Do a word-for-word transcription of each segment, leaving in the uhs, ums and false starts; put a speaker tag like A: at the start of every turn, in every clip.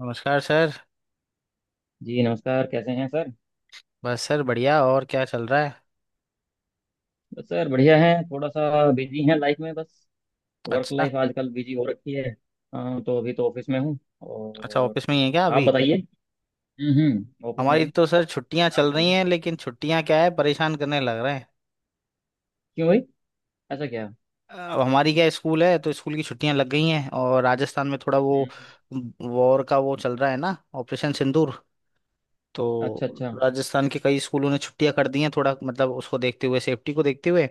A: नमस्कार सर।
B: जी नमस्कार। कैसे हैं सर?
A: बस सर बढ़िया और क्या चल रहा है।
B: बस सर बढ़िया हैं, थोड़ा सा बिजी हैं लाइफ में, बस वर्क
A: अच्छा,
B: लाइफ आजकल बिजी हो रखी है। हाँ, तो अभी तो ऑफिस में हूँ,
A: अच्छा
B: और
A: ऑफिस में ही है क्या
B: आप
A: अभी।
B: बताइए। हम्म हम्म, ऑफिस में
A: हमारी
B: हूँ।
A: तो सर छुट्टियां
B: आप
A: चल रही
B: बताइए।
A: हैं, लेकिन छुट्टियां क्या है, परेशान करने लग रहे हैं।
B: क्यों भाई? ऐसा क्या?
A: अब हमारी क्या स्कूल है तो स्कूल की छुट्टियां लग गई हैं, और राजस्थान में थोड़ा वो
B: हम्म।
A: वॉर का वो चल रहा है ना, ऑपरेशन सिंदूर। तो
B: अच्छा। अच्छा
A: राजस्थान के कई स्कूलों ने छुट्टियां कर दी हैं, थोड़ा मतलब उसको देखते हुए, सेफ्टी को देखते हुए।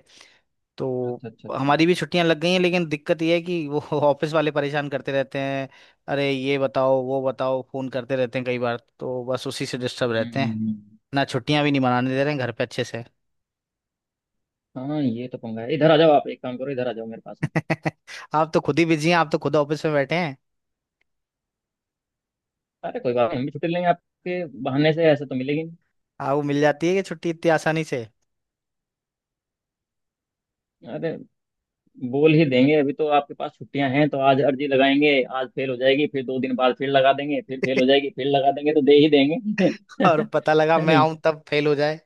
A: तो
B: अच्छा। अच्छा अच्छा।
A: हमारी भी छुट्टियां लग गई हैं, लेकिन दिक्कत यह है कि वो ऑफिस वाले परेशान करते रहते हैं। अरे ये बताओ, वो बताओ, फोन करते रहते हैं, कई बार तो बस उसी से डिस्टर्ब
B: हम्म
A: रहते
B: हम्म
A: हैं।
B: हम्म।
A: ना छुट्टियां भी नहीं मनाने दे रहे हैं घर पे अच्छे से।
B: हाँ, ये तो पंगा है, इधर आ जाओ, आप एक काम करो, इधर आ जाओ मेरे पास में।
A: आप तो खुद ही बिजी हैं, आप तो खुद ऑफिस में बैठे हैं।
B: अरे कोई बात नहीं, हम भी छुट्टी लेंगे आपके बहाने से, ऐसे तो मिलेगी
A: आपको मिल जाती है कि छुट्टी इतनी आसानी से?
B: नहीं। अरे बोल ही देंगे, अभी तो आपके पास छुट्टियां हैं तो आज अर्जी लगाएंगे। आज फेल हो जाएगी, फिर दो दिन बाद फिर लगा देंगे, फिर फेल हो जाएगी, फिर लगा देंगे, तो दे ही देंगे।
A: और पता लगा
B: है
A: मैं
B: नहीं।
A: आऊं तब फेल हो जाए।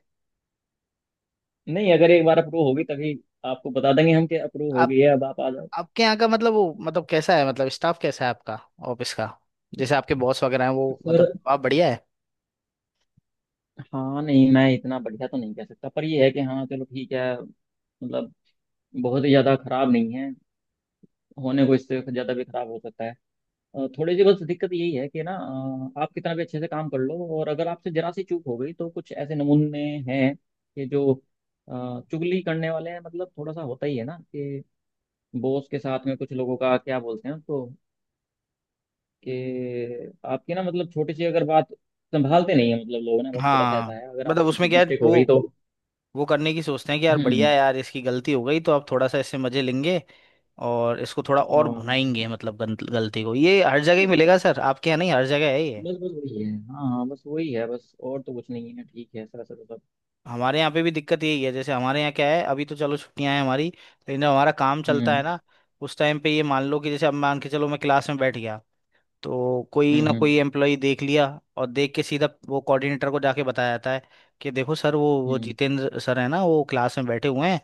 B: नहीं, अगर एक बार अप्रूव होगी तभी आपको बता देंगे हम कि अप्रूव हो
A: आप
B: गई है, अब आप आ जाओ।
A: आपके यहाँ का मतलब वो, मतलब कैसा है, मतलब स्टाफ कैसा है आपका ऑफिस का। जैसे आपके बॉस वगैरह हैं वो,
B: पर।
A: मतलब आप बढ़िया है।
B: हाँ, नहीं मैं इतना बढ़िया तो नहीं कह सकता, पर ये है कि, हाँ चलो ठीक है। मतलब बहुत ही ज्यादा खराब नहीं है, होने को इससे ज्यादा भी खराब हो सकता है। अ, थोड़ी सी बस दिक्कत यही है कि ना। अ, आप कितना भी अच्छे से काम कर लो, और अगर आपसे जरा सी चूक हो गई तो कुछ ऐसे नमूने हैं कि जो अ, चुगली करने वाले हैं, मतलब थोड़ा सा होता ही है ना कि बॉस के साथ में कुछ लोगों का क्या बोलते हैं उसको, कि आपकी ना मतलब छोटी सी अगर बात संभालते नहीं है, मतलब लोग ना, बस थोड़ा सा
A: हाँ,
B: ऐसा है, अगर
A: मतलब
B: आपसे कुछ
A: उसमें क्या है,
B: मिस्टेक हो
A: वो
B: गई तो।
A: वो करने की सोचते हैं कि यार बढ़िया
B: हम्म,
A: है यार, इसकी गलती हो गई तो अब थोड़ा सा इससे मजे लेंगे और इसको थोड़ा और
B: हाँ
A: भुनाएंगे। मतलब गंत- गलती को, ये हर जगह ही
B: नहीं,
A: मिलेगा सर, आपके यहाँ नहीं, हर जगह है ये।
B: बस बस वही है, हाँ हाँ बस वही है, बस और तो कुछ नहीं है, ठीक है सर सर सब।
A: हमारे यहाँ पे भी दिक्कत यही है। जैसे हमारे यहाँ क्या है, अभी तो चलो छुट्टियां हैं हमारी, लेकिन जब हमारा काम चलता है
B: हम्म
A: ना, उस टाइम पे ये मान लो कि जैसे अब मान के चलो मैं क्लास में बैठ गया, तो कोई
B: हम्म
A: ना
B: हम्म
A: कोई एम्प्लॉय देख लिया, और देख के सीधा वो कोऑर्डिनेटर को जाके बताया जाता है कि देखो सर वो वो
B: हम्म
A: जितेंद्र सर है ना, वो क्लास में बैठे हुए हैं,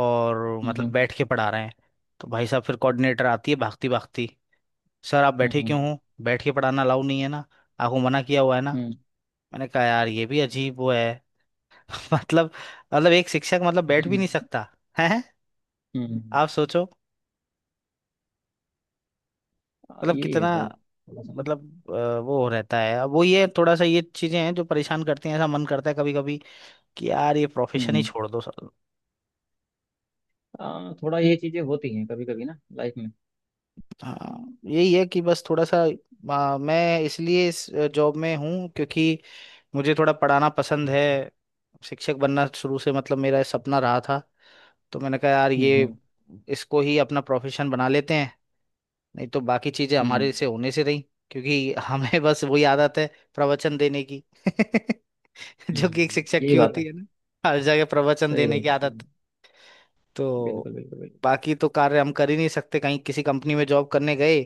A: और
B: हम्म
A: मतलब
B: हम्म
A: बैठ के पढ़ा रहे हैं। तो भाई साहब फिर कोऑर्डिनेटर आती है भागती भागती, सर आप
B: हम्म।
A: बैठे क्यों
B: हम्म।
A: हो, बैठ के पढ़ाना अलाउ नहीं है ना, आपको मना किया हुआ है ना।
B: हम्म
A: मैंने कहा यार ये भी अजीब वो है। मतलब, मतलब एक शिक्षक मतलब बैठ भी नहीं
B: हम्म
A: सकता है।
B: हम्म।
A: आप सोचो,
B: आ,
A: मतलब
B: यही है
A: कितना,
B: सर थोड़ा सा ना।
A: मतलब अ, वो रहता है, अब वो ये थोड़ा सा ये चीजें हैं जो परेशान करती हैं। ऐसा मन करता है कभी कभी कि यार ये प्रोफेशन ही
B: हम्म।
A: छोड़ दो सर।
B: आ, थोड़ा ये चीज़ें होती हैं कभी कभी ना लाइफ में।
A: हाँ यही है कि बस थोड़ा सा आ, मैं इसलिए इस जॉब में हूँ क्योंकि मुझे थोड़ा पढ़ाना पसंद है। शिक्षक बनना शुरू से मतलब मेरा सपना रहा था, तो मैंने कहा यार
B: हम्म।
A: ये
B: हम्म।
A: इसको ही अपना प्रोफेशन बना लेते हैं। नहीं तो बाकी चीजें
B: हम्म।
A: हमारे से होने से रही, क्योंकि हमें बस वही आदत है, प्रवचन देने की जो कि एक
B: हम्म,
A: शिक्षक
B: यही
A: की जी
B: बात
A: होती
B: है।
A: है ना, हर जगह प्रवचन
B: सही बात
A: देने की
B: है, सही
A: आदत।
B: बात है।
A: तो
B: बिल्कुल बिल्कुल बिल्कुल।
A: बाकी तो कार्य हम कर ही नहीं सकते। कहीं किसी कंपनी में जॉब करने गए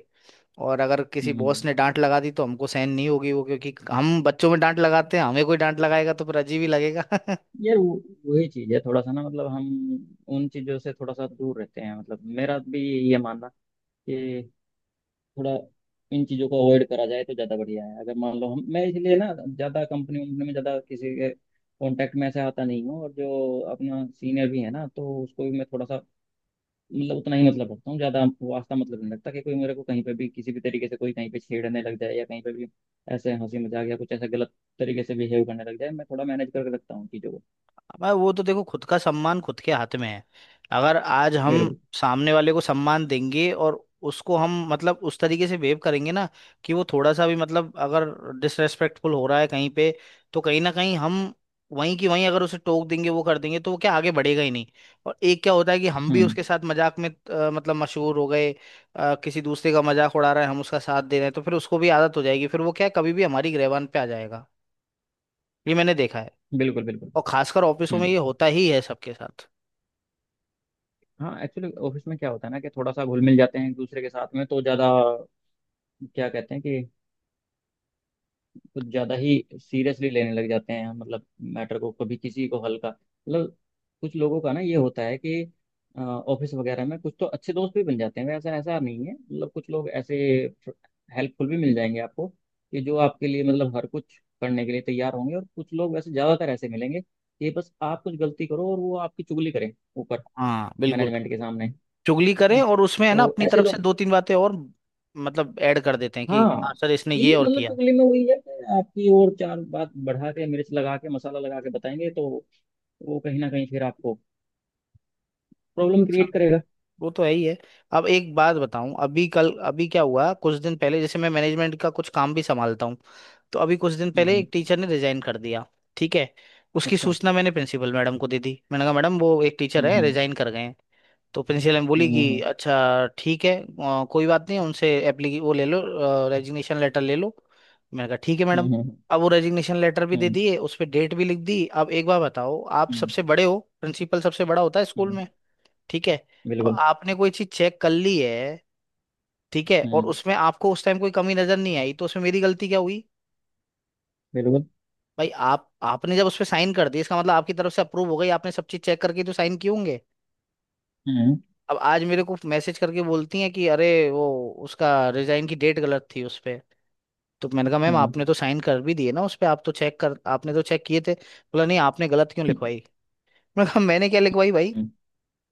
A: और अगर किसी
B: हम्म,
A: बॉस ने डांट लगा दी तो हमको सहन नहीं होगी वो, क्योंकि हम बच्चों में डांट लगाते हैं, हमें कोई डांट लगाएगा तो फिर अजीब ही लगेगा।
B: यार वो वही चीज़ है थोड़ा सा ना, मतलब हम उन चीज़ों से थोड़ा सा दूर रहते हैं, मतलब मेरा भी ये मानना कि थोड़ा इन चीज़ों को अवॉइड करा जाए तो ज़्यादा बढ़िया है, अगर मान लो हम मैं इसलिए ना ज़्यादा कंपनी वंपनी में ज़्यादा किसी के कांटेक्ट में ऐसे आता नहीं हूँ, और जो अपना सीनियर भी है ना तो उसको भी मैं थोड़ा सा, मतलब उतना ही मतलब रखता हूँ, ज़्यादा हमको वास्ता मतलब नहीं लगता कि कोई मेरे को कहीं पे भी किसी भी तरीके से, कोई कहीं पे छेड़ने लग जाए या कहीं पे भी ऐसे हंसी मजाक या कुछ ऐसा गलत तरीके से बिहेव करने लग जाए, मैं थोड़ा मैनेज करके रखता हूँ चीज़ों को।
A: मैं वो तो देखो, खुद का सम्मान खुद के हाथ में है। अगर आज हम
B: बिल्कुल।
A: सामने वाले को सम्मान देंगे और उसको हम मतलब उस तरीके से बिहेव करेंगे ना, कि वो थोड़ा सा भी मतलब अगर डिसरेस्पेक्टफुल हो रहा है कहीं पे, तो कहीं ना कहीं हम वहीं की वहीं अगर उसे टोक देंगे, वो कर देंगे, तो वो क्या आगे बढ़ेगा ही नहीं। और एक क्या होता है कि हम भी
B: हम्म।
A: उसके साथ मजाक में अ, मतलब मशहूर हो गए, अ, किसी दूसरे का मजाक उड़ा रहा है, हम उसका साथ दे रहे हैं, तो फिर उसको भी आदत हो जाएगी, फिर वो क्या है, कभी भी हमारी गिरबान पे आ जाएगा। ये मैंने देखा है।
B: बिल्कुल बिल्कुल।
A: और खासकर ऑफिसों में
B: हम्म।
A: ये होता ही है सबके साथ।
B: हाँ एक्चुअली ऑफिस में क्या होता है ना, कि थोड़ा सा घुल मिल जाते हैं एक दूसरे के साथ में, तो ज़्यादा क्या कहते हैं कि कुछ ज़्यादा ही सीरियसली लेने लग जाते हैं, मतलब मैटर को, कभी किसी को हल्का मतलब। कुछ लोगों का ना ये होता है कि ऑफिस वगैरह में, कुछ तो अच्छे दोस्त भी बन जाते हैं वैसा, ऐसा नहीं है मतलब, कुछ लोग ऐसे हेल्पफुल भी मिल जाएंगे आपको, कि जो आपके लिए मतलब हर कुछ करने के लिए तैयार होंगे, और कुछ लोग वैसे ज़्यादातर ऐसे मिलेंगे कि बस आप कुछ गलती करो और वो आपकी चुगली करें ऊपर
A: हाँ बिल्कुल।
B: मैनेजमेंट के सामने, है
A: चुगली
B: ना,
A: करें और उसमें है ना,
B: तो
A: अपनी
B: ऐसे
A: तरफ से
B: लोग।
A: दो तीन बातें और मतलब ऐड कर देते हैं कि
B: हाँ,
A: हाँ सर इसने
B: वही
A: ये और
B: मतलब
A: किया।
B: चुगली में वही है कि आपकी और चार बात बढ़ा के मिर्च लगा के मसाला लगा के बताएंगे, तो वो कहीं ना कहीं फिर आपको प्रॉब्लम क्रिएट
A: पसंद है।
B: करेगा।
A: वो तो है ही है। अब एक बात बताऊं, अभी कल, अभी क्या हुआ, कुछ दिन पहले, जैसे मैं मैनेजमेंट का कुछ काम भी संभालता हूँ, तो अभी कुछ दिन
B: हम्म।
A: पहले एक
B: हम्म।
A: टीचर ने रिजाइन कर दिया। ठीक है। उसकी
B: अच्छा।
A: सूचना मैंने प्रिंसिपल मैडम को दे दी। मैंने कहा मैडम वो एक टीचर है,
B: हम्म
A: रिजाइन कर गए हैं। तो प्रिंसिपल मैम बोली
B: हम्म
A: कि
B: हम्म
A: अच्छा ठीक है, अ, कोई बात नहीं, उनसे एप्ली वो ले लो, रेजिग्नेशन लेटर ले लो। मैंने कहा ठीक है
B: हम्म
A: मैडम।
B: हम्म हम्म
A: अब वो रेजिग्नेशन लेटर भी
B: हम्म।
A: दे
B: हम्म।
A: दिए, उस पर डेट भी लिख दी। अब एक बार बताओ, आप
B: हम्म।
A: सबसे बड़े हो, प्रिंसिपल सबसे बड़ा होता है
B: हम्म।
A: स्कूल
B: हम्म।
A: में, ठीक है। अब
B: बिल्कुल।
A: आपने कोई चीज चेक कर ली है, ठीक है, और
B: हम्म।
A: उसमें आपको उस टाइम कोई कमी नजर नहीं आई, तो उसमें मेरी गलती क्या हुई
B: बिल्कुल।
A: भाई। आप आपने जब उस पर साइन कर दी, इसका मतलब आपकी तरफ से अप्रूव हो गई, आपने सब चीज चेक करके तो साइन किए होंगे।
B: हम्म
A: अब आज मेरे को मैसेज करके बोलती हैं कि अरे वो उसका रिजाइन की डेट गलत थी उस पे। तो मैंने कहा मैम
B: हम्म
A: आपने तो साइन कर भी दिए ना उस पे, आप तो चेक कर, आपने तो चेक किए थे, बोला नहीं आपने गलत क्यों
B: हम्म
A: लिखवाई। मैंने कहा मैंने क्या लिखवाई भाई।
B: हम्म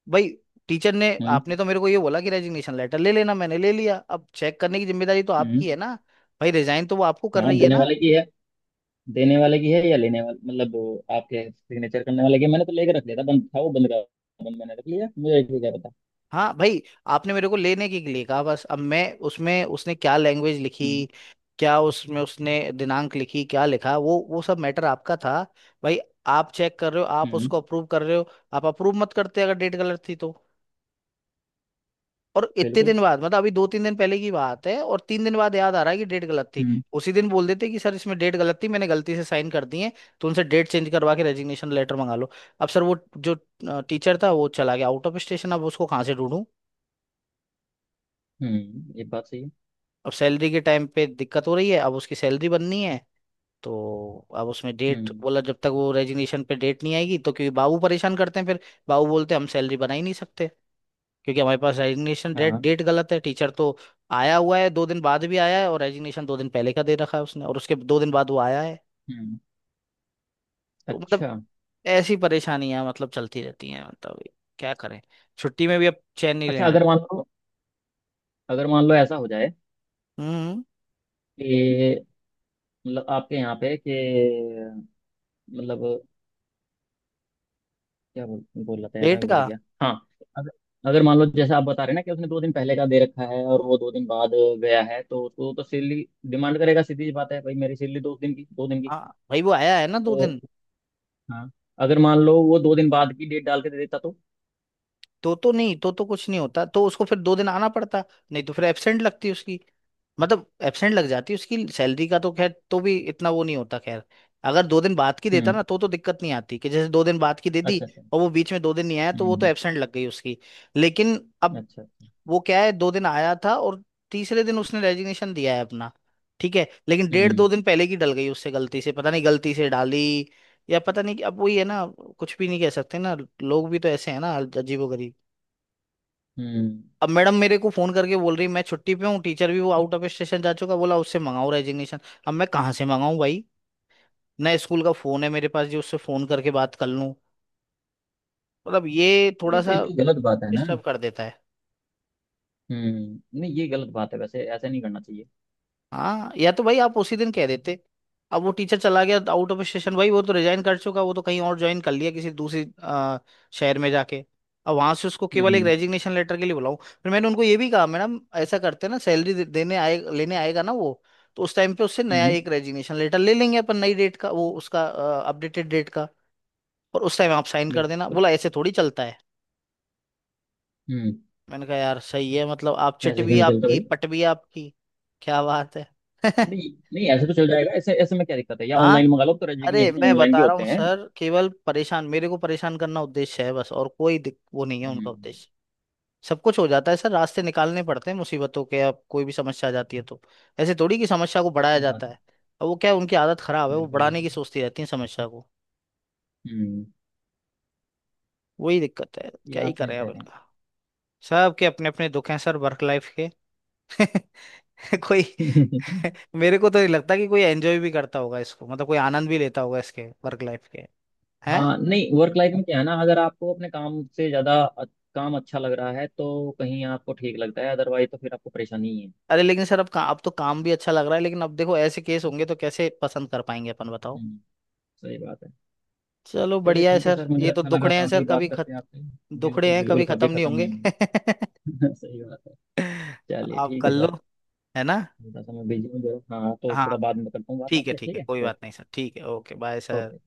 A: भाई टीचर ने,
B: हम्म।
A: आपने तो मेरे को ये बोला कि रेजिग्नेशन लेटर ले लेना, मैंने ले लिया, अब चेक करने की जिम्मेदारी तो
B: हम्म।
A: आपकी है ना। भाई रिजाइन तो वो आपको कर
B: हाँ,
A: रही है
B: देने
A: ना।
B: वाले की है। देने वाले की है, या लेने वाले मतलब वो आपके सिग्नेचर करने वाले की है? मैंने तो लेके रख लिया था, बंद था वो, बंद का बंद मैंने रख लिया, मुझे भी क्या पता।
A: हाँ भाई, आपने मेरे को लेने के लिए कहा बस, अब मैं उसमें उसने क्या लैंग्वेज लिखी,
B: हम्म
A: क्या उसमें उसने दिनांक लिखी, क्या लिखा वो वो सब मैटर आपका था भाई। आप चेक कर रहे हो, आप
B: हम्म।
A: उसको अप्रूव कर रहे हो। आप अप्रूव मत करते अगर डेट गलत थी तो। और इतने
B: बिल्कुल।
A: दिन बाद, मतलब अभी दो तीन दिन पहले की बात है, और तीन दिन बाद याद आ रहा है कि डेट गलत थी।
B: हम्म,
A: उसी दिन बोल देते कि सर इसमें डेट गलत थी, मैंने गलती से साइन कर दी है, तो उनसे डेट चेंज करवा के रेजिग्नेशन लेटर मंगा लो। अब सर वो जो टीचर था वो चला गया आउट ऑफ स्टेशन, अब उसको कहाँ से ढूंढूं।
B: हम्म ये बात सही है।
A: अब सैलरी के टाइम पे दिक्कत हो रही है, अब उसकी सैलरी बननी है, तो अब उसमें डेट
B: हम्म।
A: बोला जब तक वो रेजिग्नेशन पे डेट नहीं आएगी तो, क्योंकि बाबू परेशान करते हैं फिर। बाबू बोलते हैं हम सैलरी बना ही नहीं सकते, क्योंकि हमारे पास रेजिग्नेशन डेट
B: हाँ।
A: डेट गलत है। टीचर तो आया हुआ है, दो दिन बाद भी आया है, और रेजिग्नेशन दो दिन पहले का दे रखा है उसने, और उसके दो दिन बाद वो आया है।
B: हम्म।
A: तो मतलब
B: अच्छा
A: ऐसी परेशानियां मतलब चलती रहती हैं, मतलब क्या करें, छुट्टी में भी अब चैन नहीं
B: अच्छा।
A: रहना।
B: अगर मान लो अगर मान लो ऐसा हो जाए
A: हम्म।
B: कि, मतलब आपके यहाँ पे कि, मतलब क्या बोल बोल रहा था यार,
A: डेट
B: मैं
A: का।
B: भूल गया। हाँ। अगर अगर मान लो जैसे आप बता रहे हैं ना कि उसने दो दिन पहले का दे रखा है, और वो दो दिन बाद गया है तो उसको तो सैलरी डिमांड करेगा, सीधी सी बात है भाई, मेरी सैलरी दो दिन की दो दिन की,
A: हाँ भाई वो आया है ना दो
B: तो।
A: दिन,
B: हाँ, अगर मान लो वो दो दिन बाद की डेट डाल के दे देता तो।
A: तो तो नहीं, तो तो कुछ नहीं होता, तो उसको फिर दो दिन आना पड़ता, नहीं तो फिर एब्सेंट लगती उसकी, मतलब एब्सेंट लग जाती उसकी, सैलरी का तो खैर तो भी इतना वो नहीं होता, खैर। अगर दो दिन बाद की देता
B: हम्म।
A: ना तो, तो दिक्कत नहीं आती, कि जैसे दो दिन बाद की दे दी
B: अच्छा अच्छा।
A: और वो बीच में दो दिन नहीं आया, तो वो तो
B: हम्म।
A: एब्सेंट लग गई उसकी, लेकिन अब
B: अच्छा अच्छा।
A: वो क्या है, दो दिन आया था और तीसरे दिन उसने रेजिग्नेशन दिया है अपना। ठीक है, लेकिन डेढ़
B: हम्म
A: दो दिन पहले की डल गई उससे गलती से, पता नहीं गलती से डाली या पता नहीं कि-, अब वही है ना, कुछ भी नहीं कह सकते ना, लोग भी तो ऐसे हैं ना अजीबो।
B: हम्म।
A: अब मैडम मेरे को फोन करके बोल रही मैं छुट्टी पे हूँ, टीचर भी वो आउट ऑफ स्टेशन जा चुका, बोला उससे मंगाऊं रेजिग्नेशन, अब मैं कहाँ से मंगाऊं भाई। नया स्कूल का फोन है मेरे पास जो उससे फोन करके बात कर लूं। मतलब ये थोड़ा
B: नहीं तो ये
A: सा
B: तो गलत बात है ना।
A: डिस्टर्ब कर देता है।
B: हम्म। नहीं ये गलत बात है, वैसे ऐसा नहीं करना चाहिए।
A: हाँ या तो भाई आप उसी दिन कह देते। अब वो टीचर चला गया आउट ऑफ स्टेशन, भाई वो तो रिजाइन कर चुका, वो तो कहीं और ज्वाइन कर लिया किसी दूसरी अ, शहर में जाके। अब वहां से उसको केवल एक
B: हम्म
A: रेजिग्नेशन लेटर के लिए बुलाऊं। फिर मैंने उनको ये भी कहा, मैडम ऐसा करते हैं ना, सैलरी दे, देने आए, लेने आएगा ना वो, तो उस टाइम पे उससे नया
B: हम्म।
A: एक रेजिग्नेशन लेटर ले लेंगे अपन, नई डेट का वो उसका, अपडेटेड डेट का, और उस टाइम आप साइन कर देना।
B: बिल्कुल।
A: बोला ऐसे थोड़ी चलता है।
B: हम्म।
A: मैंने कहा यार सही है, मतलब आप चिट
B: ऐसे क्यों
A: भी
B: नहीं चलता
A: आपकी,
B: भाई?
A: पट भी आपकी, क्या बात है।
B: नहीं नहीं, ऐसे तो चल जाएगा, ऐसे ऐसे में क्या दिक्कत है? या
A: हाँ।
B: ऑनलाइन मंगा लो, तो
A: अरे
B: रेजिग्नेशन
A: मैं
B: ऑनलाइन भी
A: बता रहा
B: होते
A: हूँ
B: हैं।
A: सर, केवल परेशान, मेरे को परेशान करना उद्देश्य है बस, और कोई दिक, वो नहीं है उनका
B: हम्म।
A: उद्देश्य। सब कुछ हो जाता है सर, रास्ते निकालने पड़ते हैं मुसीबतों के, अब कोई भी समस्या आ जाती है तो, ऐसे थोड़ी कि समस्या को बढ़ाया
B: सही बात
A: जाता
B: है।
A: है। अब वो क्या है, उनकी आदत खराब है, वो
B: बिल्कुल
A: बढ़ाने
B: बिल्कुल।
A: की सोचती रहती है समस्या को।
B: हम्म।
A: वही दिक्कत है,
B: ये
A: क्या ही
B: आप सही
A: करें
B: कह
A: अब
B: रहे
A: इनका। सबके अपने अपने दुख हैं सर वर्क लाइफ के। कोई
B: हैं।
A: मेरे को तो नहीं लगता कि कोई एंजॉय भी करता होगा इसको, मतलब कोई आनंद भी लेता होगा इसके वर्क लाइफ के।
B: हाँ नहीं, वर्क लाइफ में क्या है ना, अगर आपको अपने काम से ज्यादा अ- काम अच्छा लग रहा है तो कहीं आपको ठीक लगता है, अदरवाइज तो फिर आपको परेशानी ही है।
A: अरे लेकिन सर अब का, अब तो काम भी अच्छा लग रहा है, लेकिन अब देखो ऐसे केस होंगे तो कैसे पसंद कर पाएंगे अपन बताओ।
B: हम्म। सही बात है।
A: चलो
B: चलिए
A: बढ़िया है
B: ठीक है
A: सर,
B: सर, मुझे
A: ये तो
B: अच्छा लगा
A: दुखड़े हैं सर,
B: काफी बात
A: कभी खत
B: करके आपसे।
A: दुखड़े
B: बिल्कुल
A: हैं
B: बिल्कुल,
A: कभी
B: कभी
A: खत्म नहीं
B: खत्म नहीं
A: होंगे।
B: होगी। सही बात है। चलिए
A: आप
B: ठीक
A: कर
B: है
A: लो,
B: सर,
A: है ना।
B: थोड़ा सा मैं बिजी हूँ जरूर, हाँ तो
A: हाँ
B: थोड़ा बाद में करता हूँ बात
A: ठीक है,
B: आपसे,
A: ठीक
B: ठीक
A: है,
B: है,
A: कोई बात
B: ओके।
A: नहीं सर, ठीक है, ओके बाय सर।
B: ओके।